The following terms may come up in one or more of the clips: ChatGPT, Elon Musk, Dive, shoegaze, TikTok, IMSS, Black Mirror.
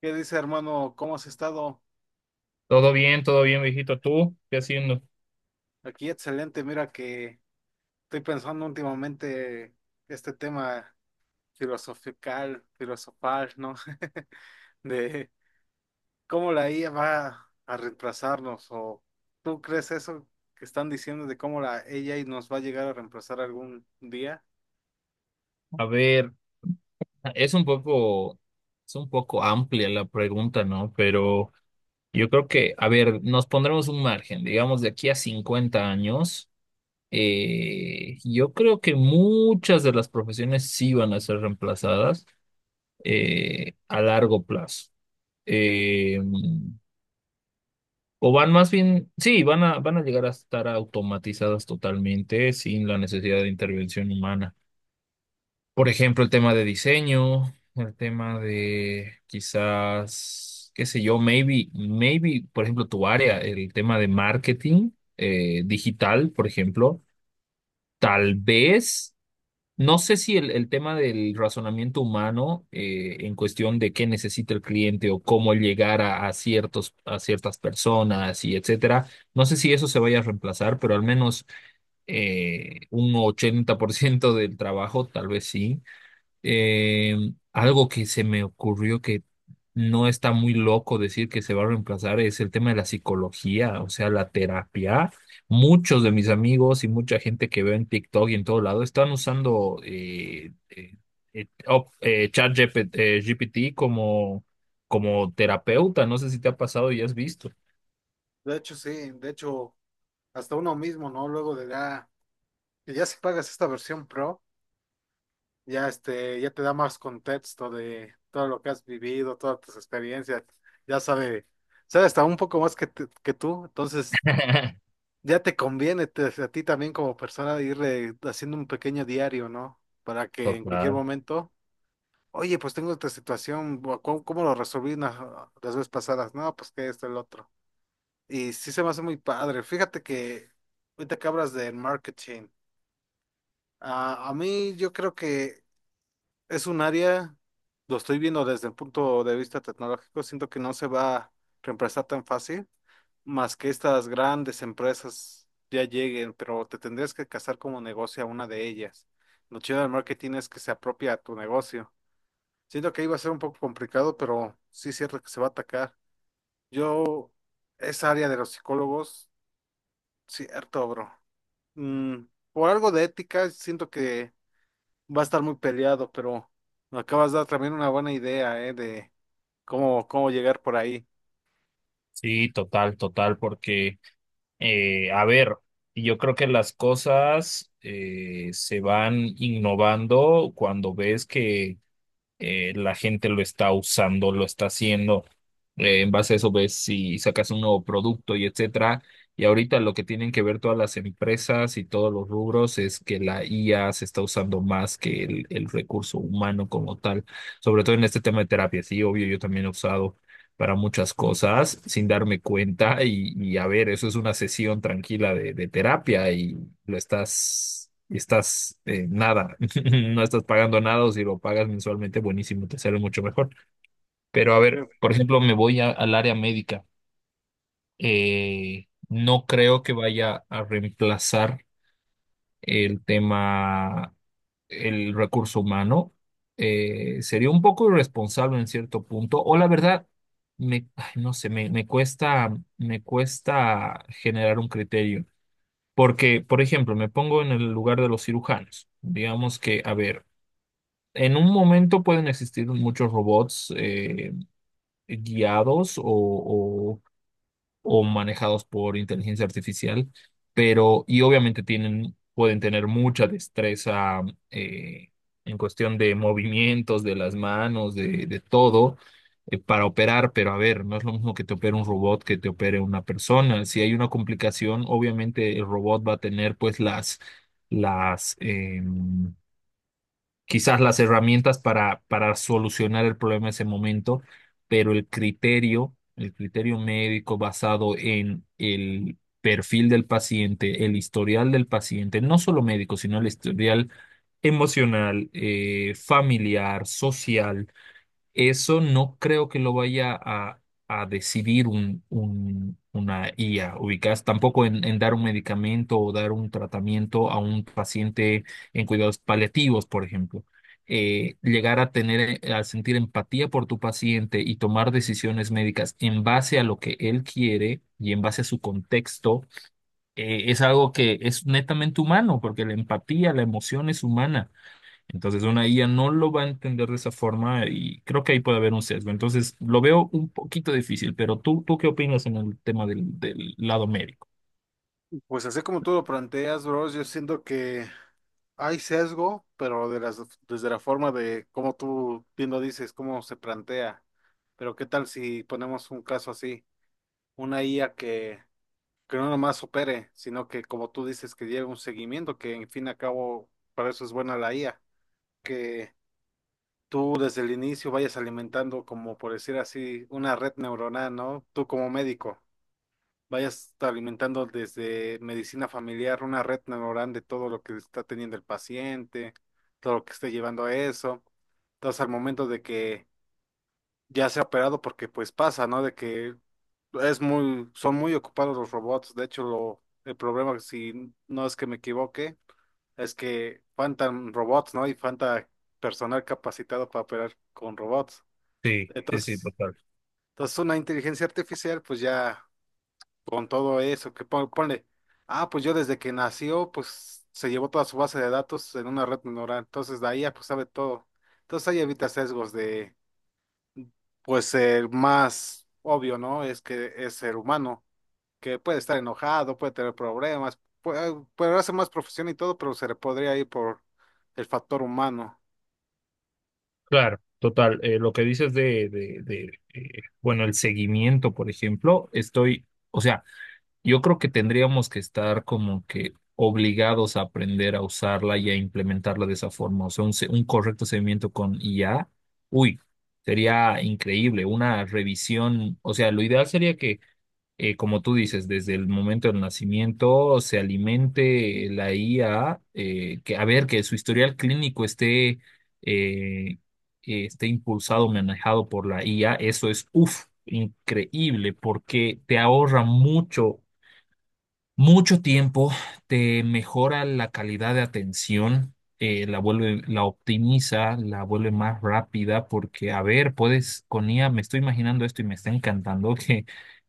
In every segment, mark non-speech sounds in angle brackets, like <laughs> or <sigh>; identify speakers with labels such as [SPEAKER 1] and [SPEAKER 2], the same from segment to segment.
[SPEAKER 1] ¿Qué dice, hermano? ¿Cómo has estado?
[SPEAKER 2] Todo bien, viejito. ¿Tú qué haciendo?
[SPEAKER 1] Aquí excelente. Mira que estoy pensando últimamente este tema filosofical, filosofal, ¿no? <laughs> De cómo la IA va a reemplazarnos. ¿O tú crees eso que están diciendo de cómo la AI nos va a llegar a reemplazar algún día?
[SPEAKER 2] A ver, es un poco, es un poco amplia la pregunta, ¿no? Pero yo creo que, a ver, nos pondremos un margen, digamos, de aquí a 50 años. Yo creo que muchas de las profesiones sí van a ser reemplazadas a largo plazo. Eh, o van más bien, sí, van a llegar a estar automatizadas totalmente sin la necesidad de intervención humana. Por ejemplo, el tema de diseño, el tema de quizás, qué sé yo, por ejemplo, tu área, el tema de marketing digital, por ejemplo, tal vez, no sé si el tema del razonamiento humano en cuestión de qué necesita el cliente o cómo llegar a ciertos, a ciertas personas y etcétera, no sé si eso se vaya a reemplazar, pero al menos un 80% del trabajo, tal vez sí. Algo que se me ocurrió que no está muy loco decir que se va a reemplazar es el tema de la psicología, o sea, la terapia. Muchos de mis amigos y mucha gente que veo en TikTok y en todo lado están usando ChatGPT GPT como, como terapeuta. No sé si te ha pasado y has visto.
[SPEAKER 1] De hecho, sí. De hecho, hasta uno mismo, ¿no? Luego de la... que ya si pagas esta versión Pro. Ya este, ya te da más contexto de todo lo que has vivido, todas tus experiencias, ya sabe, sabe hasta un poco más que, que tú, entonces
[SPEAKER 2] <laughs>
[SPEAKER 1] ya te conviene a ti también como persona ir haciendo un pequeño diario, ¿no? Para que en cualquier
[SPEAKER 2] Total,
[SPEAKER 1] momento, oye, pues tengo esta situación, ¿cómo, cómo lo resolví ah, las veces pasadas? No, pues que esto, el otro. Y sí se me hace muy padre. Fíjate que ahorita que hablas del marketing, ah, a mí yo creo que es un área, lo estoy viendo desde el punto de vista tecnológico, siento que no se va a reemplazar tan fácil, más que estas grandes empresas ya lleguen, pero te tendrías que casar como negocio a una de ellas. Lo chido del marketing es que se apropia a tu negocio. Siento que iba a ser un poco complicado, pero sí es cierto que se va a atacar. Yo, esa área de los psicólogos, cierto, bro. Mm, por algo de ética, siento que va a estar muy peleado, pero me acabas de dar también una buena idea, ¿eh? De cómo, cómo llegar por ahí.
[SPEAKER 2] sí, total, total, porque a ver, yo creo que las cosas se van innovando cuando ves que la gente lo está usando, lo está haciendo. En base a eso ves si sacas un nuevo producto y etcétera. Y ahorita lo que tienen que ver todas las empresas y todos los rubros es que la IA se está usando más que el recurso humano como tal, sobre todo en este tema de terapia. Sí, obvio, yo también he usado para muchas cosas sin darme cuenta y a ver, eso es una sesión tranquila de terapia y y estás nada, <laughs> no estás pagando nada o si lo pagas mensualmente, buenísimo, te sale mucho mejor. Pero a
[SPEAKER 1] Sí.
[SPEAKER 2] ver, por ejemplo, al área médica. No creo que vaya a reemplazar el tema, el recurso humano. Sería un poco irresponsable en cierto punto, o la verdad, me, ay, no sé, me, me cuesta generar un criterio. Porque, por ejemplo, me pongo en el lugar de los cirujanos. Digamos que, a ver, en un momento pueden existir muchos robots guiados o manejados por inteligencia artificial, pero y obviamente tienen, pueden tener mucha destreza eh, en cuestión de movimientos de las manos, de todo, para operar, pero a ver, no es lo mismo que te opere un robot que te opere una persona. Si hay una complicación, obviamente el robot va a tener pues las, em, quizás las herramientas para solucionar el problema en ese momento, pero el criterio médico basado en el perfil del paciente, el historial del paciente, no solo médico, sino el historial emocional, familiar, social eso no creo que a decidir una IA, ubicás, tampoco en dar un medicamento o dar un tratamiento a un paciente en cuidados paliativos, por ejemplo. Llegar a tener, a sentir empatía por tu paciente y tomar decisiones médicas en base a lo que él quiere y en base a su contexto, es algo que es netamente humano, porque la empatía, la emoción es humana. Entonces una IA no lo va a entender de esa forma y creo que ahí puede haber un sesgo. Entonces lo veo un poquito difícil, pero tú, ¿tú qué opinas en el tema del lado médico?
[SPEAKER 1] Pues así como tú lo planteas, bro, yo siento que hay sesgo, pero de las, desde la forma de cómo tú bien lo dices, cómo se plantea. Pero ¿qué tal si ponemos un caso así? Una IA que, no nomás opere, sino que como tú dices, que lleve un seguimiento, que en fin y al cabo, para eso es buena la IA, que tú desde el inicio vayas alimentando, como por decir así, una red neuronal, ¿no? Tú como médico, vayas alimentando desde medicina familiar una red neuronal de todo lo que está teniendo el paciente, todo lo que esté llevando a eso. Entonces, al momento de que ya sea operado, porque pues pasa, ¿no? De que es muy, son muy ocupados los robots. De hecho, el problema, si no es que me equivoque, es que faltan robots, ¿no? Y falta personal capacitado para operar con robots.
[SPEAKER 2] Sí, sí, sí,
[SPEAKER 1] Entonces,
[SPEAKER 2] total.
[SPEAKER 1] entonces, una inteligencia artificial, pues ya con todo eso, que ponle, ah, pues yo desde que nació, pues se llevó toda su base de datos en una red neuronal, entonces la IA pues sabe todo. Entonces ahí evita sesgos de, pues el más obvio, ¿no? Es que es ser humano, que puede estar enojado, puede tener problemas, puede, puede hacer más profesión y todo, pero se le podría ir por el factor humano.
[SPEAKER 2] Claro, total. Lo que dices bueno, el seguimiento, por ejemplo, estoy, o sea, yo creo que tendríamos que estar como que obligados a aprender a usarla y a implementarla de esa forma. O sea, un correcto seguimiento con IA, uy, sería increíble. Una revisión, o sea, lo ideal sería que, como tú dices, desde el momento del nacimiento se alimente la IA, que a ver, que su historial clínico esté, eh, esté impulsado, manejado por la IA, eso es, uff, increíble porque te ahorra mucho mucho tiempo, te mejora la calidad de atención, la vuelve, la optimiza, la vuelve más rápida, porque, a ver, puedes, con IA, me estoy imaginando esto y me está encantando que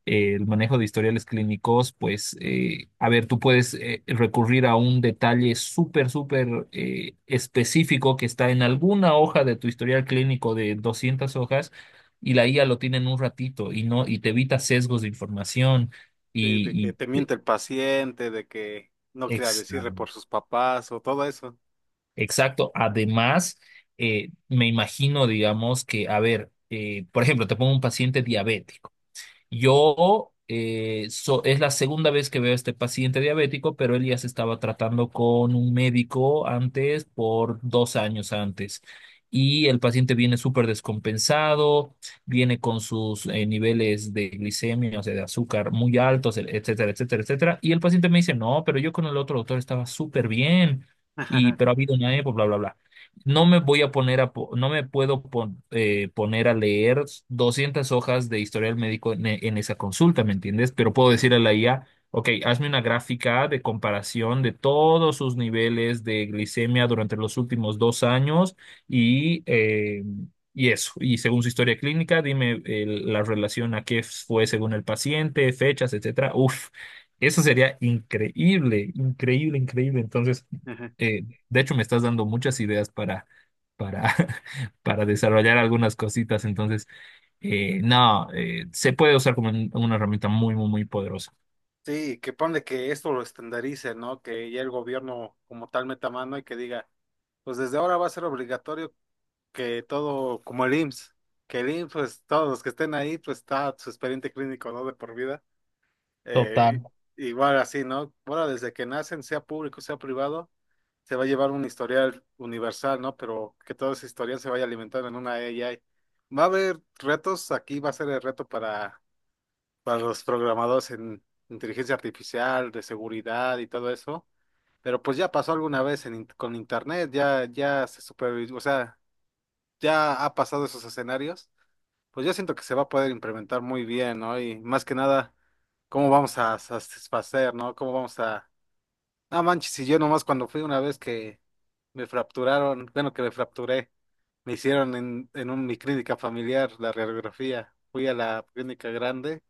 [SPEAKER 2] el manejo de historiales clínicos, pues, a ver, tú puedes recurrir a un detalle súper, súper específico que está en alguna hoja de tu historial clínico de 200 hojas. Y la IA lo tiene en un ratito y no, y te evita sesgos de información
[SPEAKER 1] De que
[SPEAKER 2] y,
[SPEAKER 1] te
[SPEAKER 2] y
[SPEAKER 1] miente el paciente, de que no quiera
[SPEAKER 2] Ex-
[SPEAKER 1] decirle por sus papás o todo eso.
[SPEAKER 2] Exacto. Además, me imagino, digamos, que, a ver, por ejemplo, te pongo un paciente diabético. Yo, es la segunda vez que veo a este paciente diabético, pero él ya se estaba tratando con un médico antes, por 2 años antes. Y el paciente viene súper descompensado, viene con sus niveles de glicemia, o sea, de azúcar muy altos, e-, etcétera, etcétera, etcétera. Y el paciente me dice, no, pero yo con el otro doctor estaba súper bien,
[SPEAKER 1] <laughs>
[SPEAKER 2] pero ha habido una época, bla, bla, bla. No me voy a poner a, no me puedo poner a leer 200 hojas de historial médico en, en esa consulta, ¿me entiendes? Pero puedo decirle a la IA, ok, hazme una gráfica de comparación de todos sus niveles de glicemia durante los últimos 2 años y, eh, y eso. Y según su historia clínica, dime la relación a qué fue según el paciente, fechas, etcétera. Uf, eso sería increíble, increíble, increíble. Entonces eh, de hecho, me estás dando muchas ideas para, <laughs> para desarrollar algunas cositas. Entonces, no, se puede usar como una herramienta muy, muy, muy poderosa.
[SPEAKER 1] Sí, que ponle que esto lo estandarice, ¿no? Que ya el gobierno como tal meta mano y que diga, pues desde ahora va a ser obligatorio que todo, como el IMSS, que el IMSS, pues todos los que estén ahí, pues está su expediente clínico, ¿no? De por vida. Eh,
[SPEAKER 2] Total,
[SPEAKER 1] igual así, ¿no? Ahora desde que nacen, sea público, sea privado. Se va a llevar un historial universal, ¿no? Pero que todo ese historial se vaya alimentando en una AI. Va a haber retos, aquí va a ser el reto para los programadores en inteligencia artificial, de seguridad y todo eso. Pero pues ya pasó alguna vez en con internet, ya, ya se supervisó, o sea, ya ha pasado esos escenarios. Pues yo siento que se va a poder implementar muy bien, ¿no? Y más que nada, cómo vamos a satisfacer, ¿no? Cómo vamos a... Ah, manches, y yo nomás cuando fui una vez que me fracturaron, bueno, que me fracturé, me hicieron en mi clínica familiar la radiografía. Fui a la clínica grande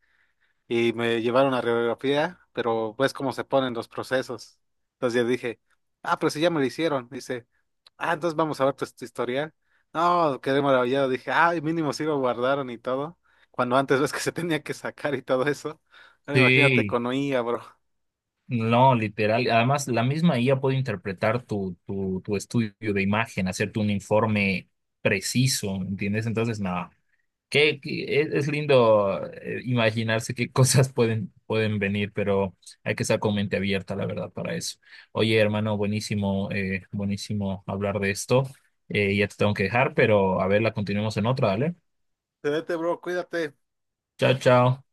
[SPEAKER 1] y me llevaron a radiografía, pero ves cómo se ponen los procesos. Entonces yo dije, ah, pero si ya me lo hicieron. Dice, ah, entonces vamos a ver tu, tu historial. No, quedé maravillado. Dije, ah, mínimo sí lo guardaron y todo. Cuando antes ves que se tenía que sacar y todo eso. Ahora imagínate
[SPEAKER 2] sí,
[SPEAKER 1] con oía, bro.
[SPEAKER 2] no, literal. Además, la misma IA puede interpretar tu, tu, tu estudio de imagen, hacerte un informe preciso, ¿entiendes? Entonces, nada, que es lindo imaginarse qué cosas pueden, pueden venir, pero hay que estar con mente abierta, la verdad, para eso. Oye, hermano, buenísimo, buenísimo hablar de esto. Ya te tengo que dejar, pero a ver, la continuemos en otra, ¿vale?
[SPEAKER 1] Te vete, bro, cuídate.
[SPEAKER 2] Chao, chao.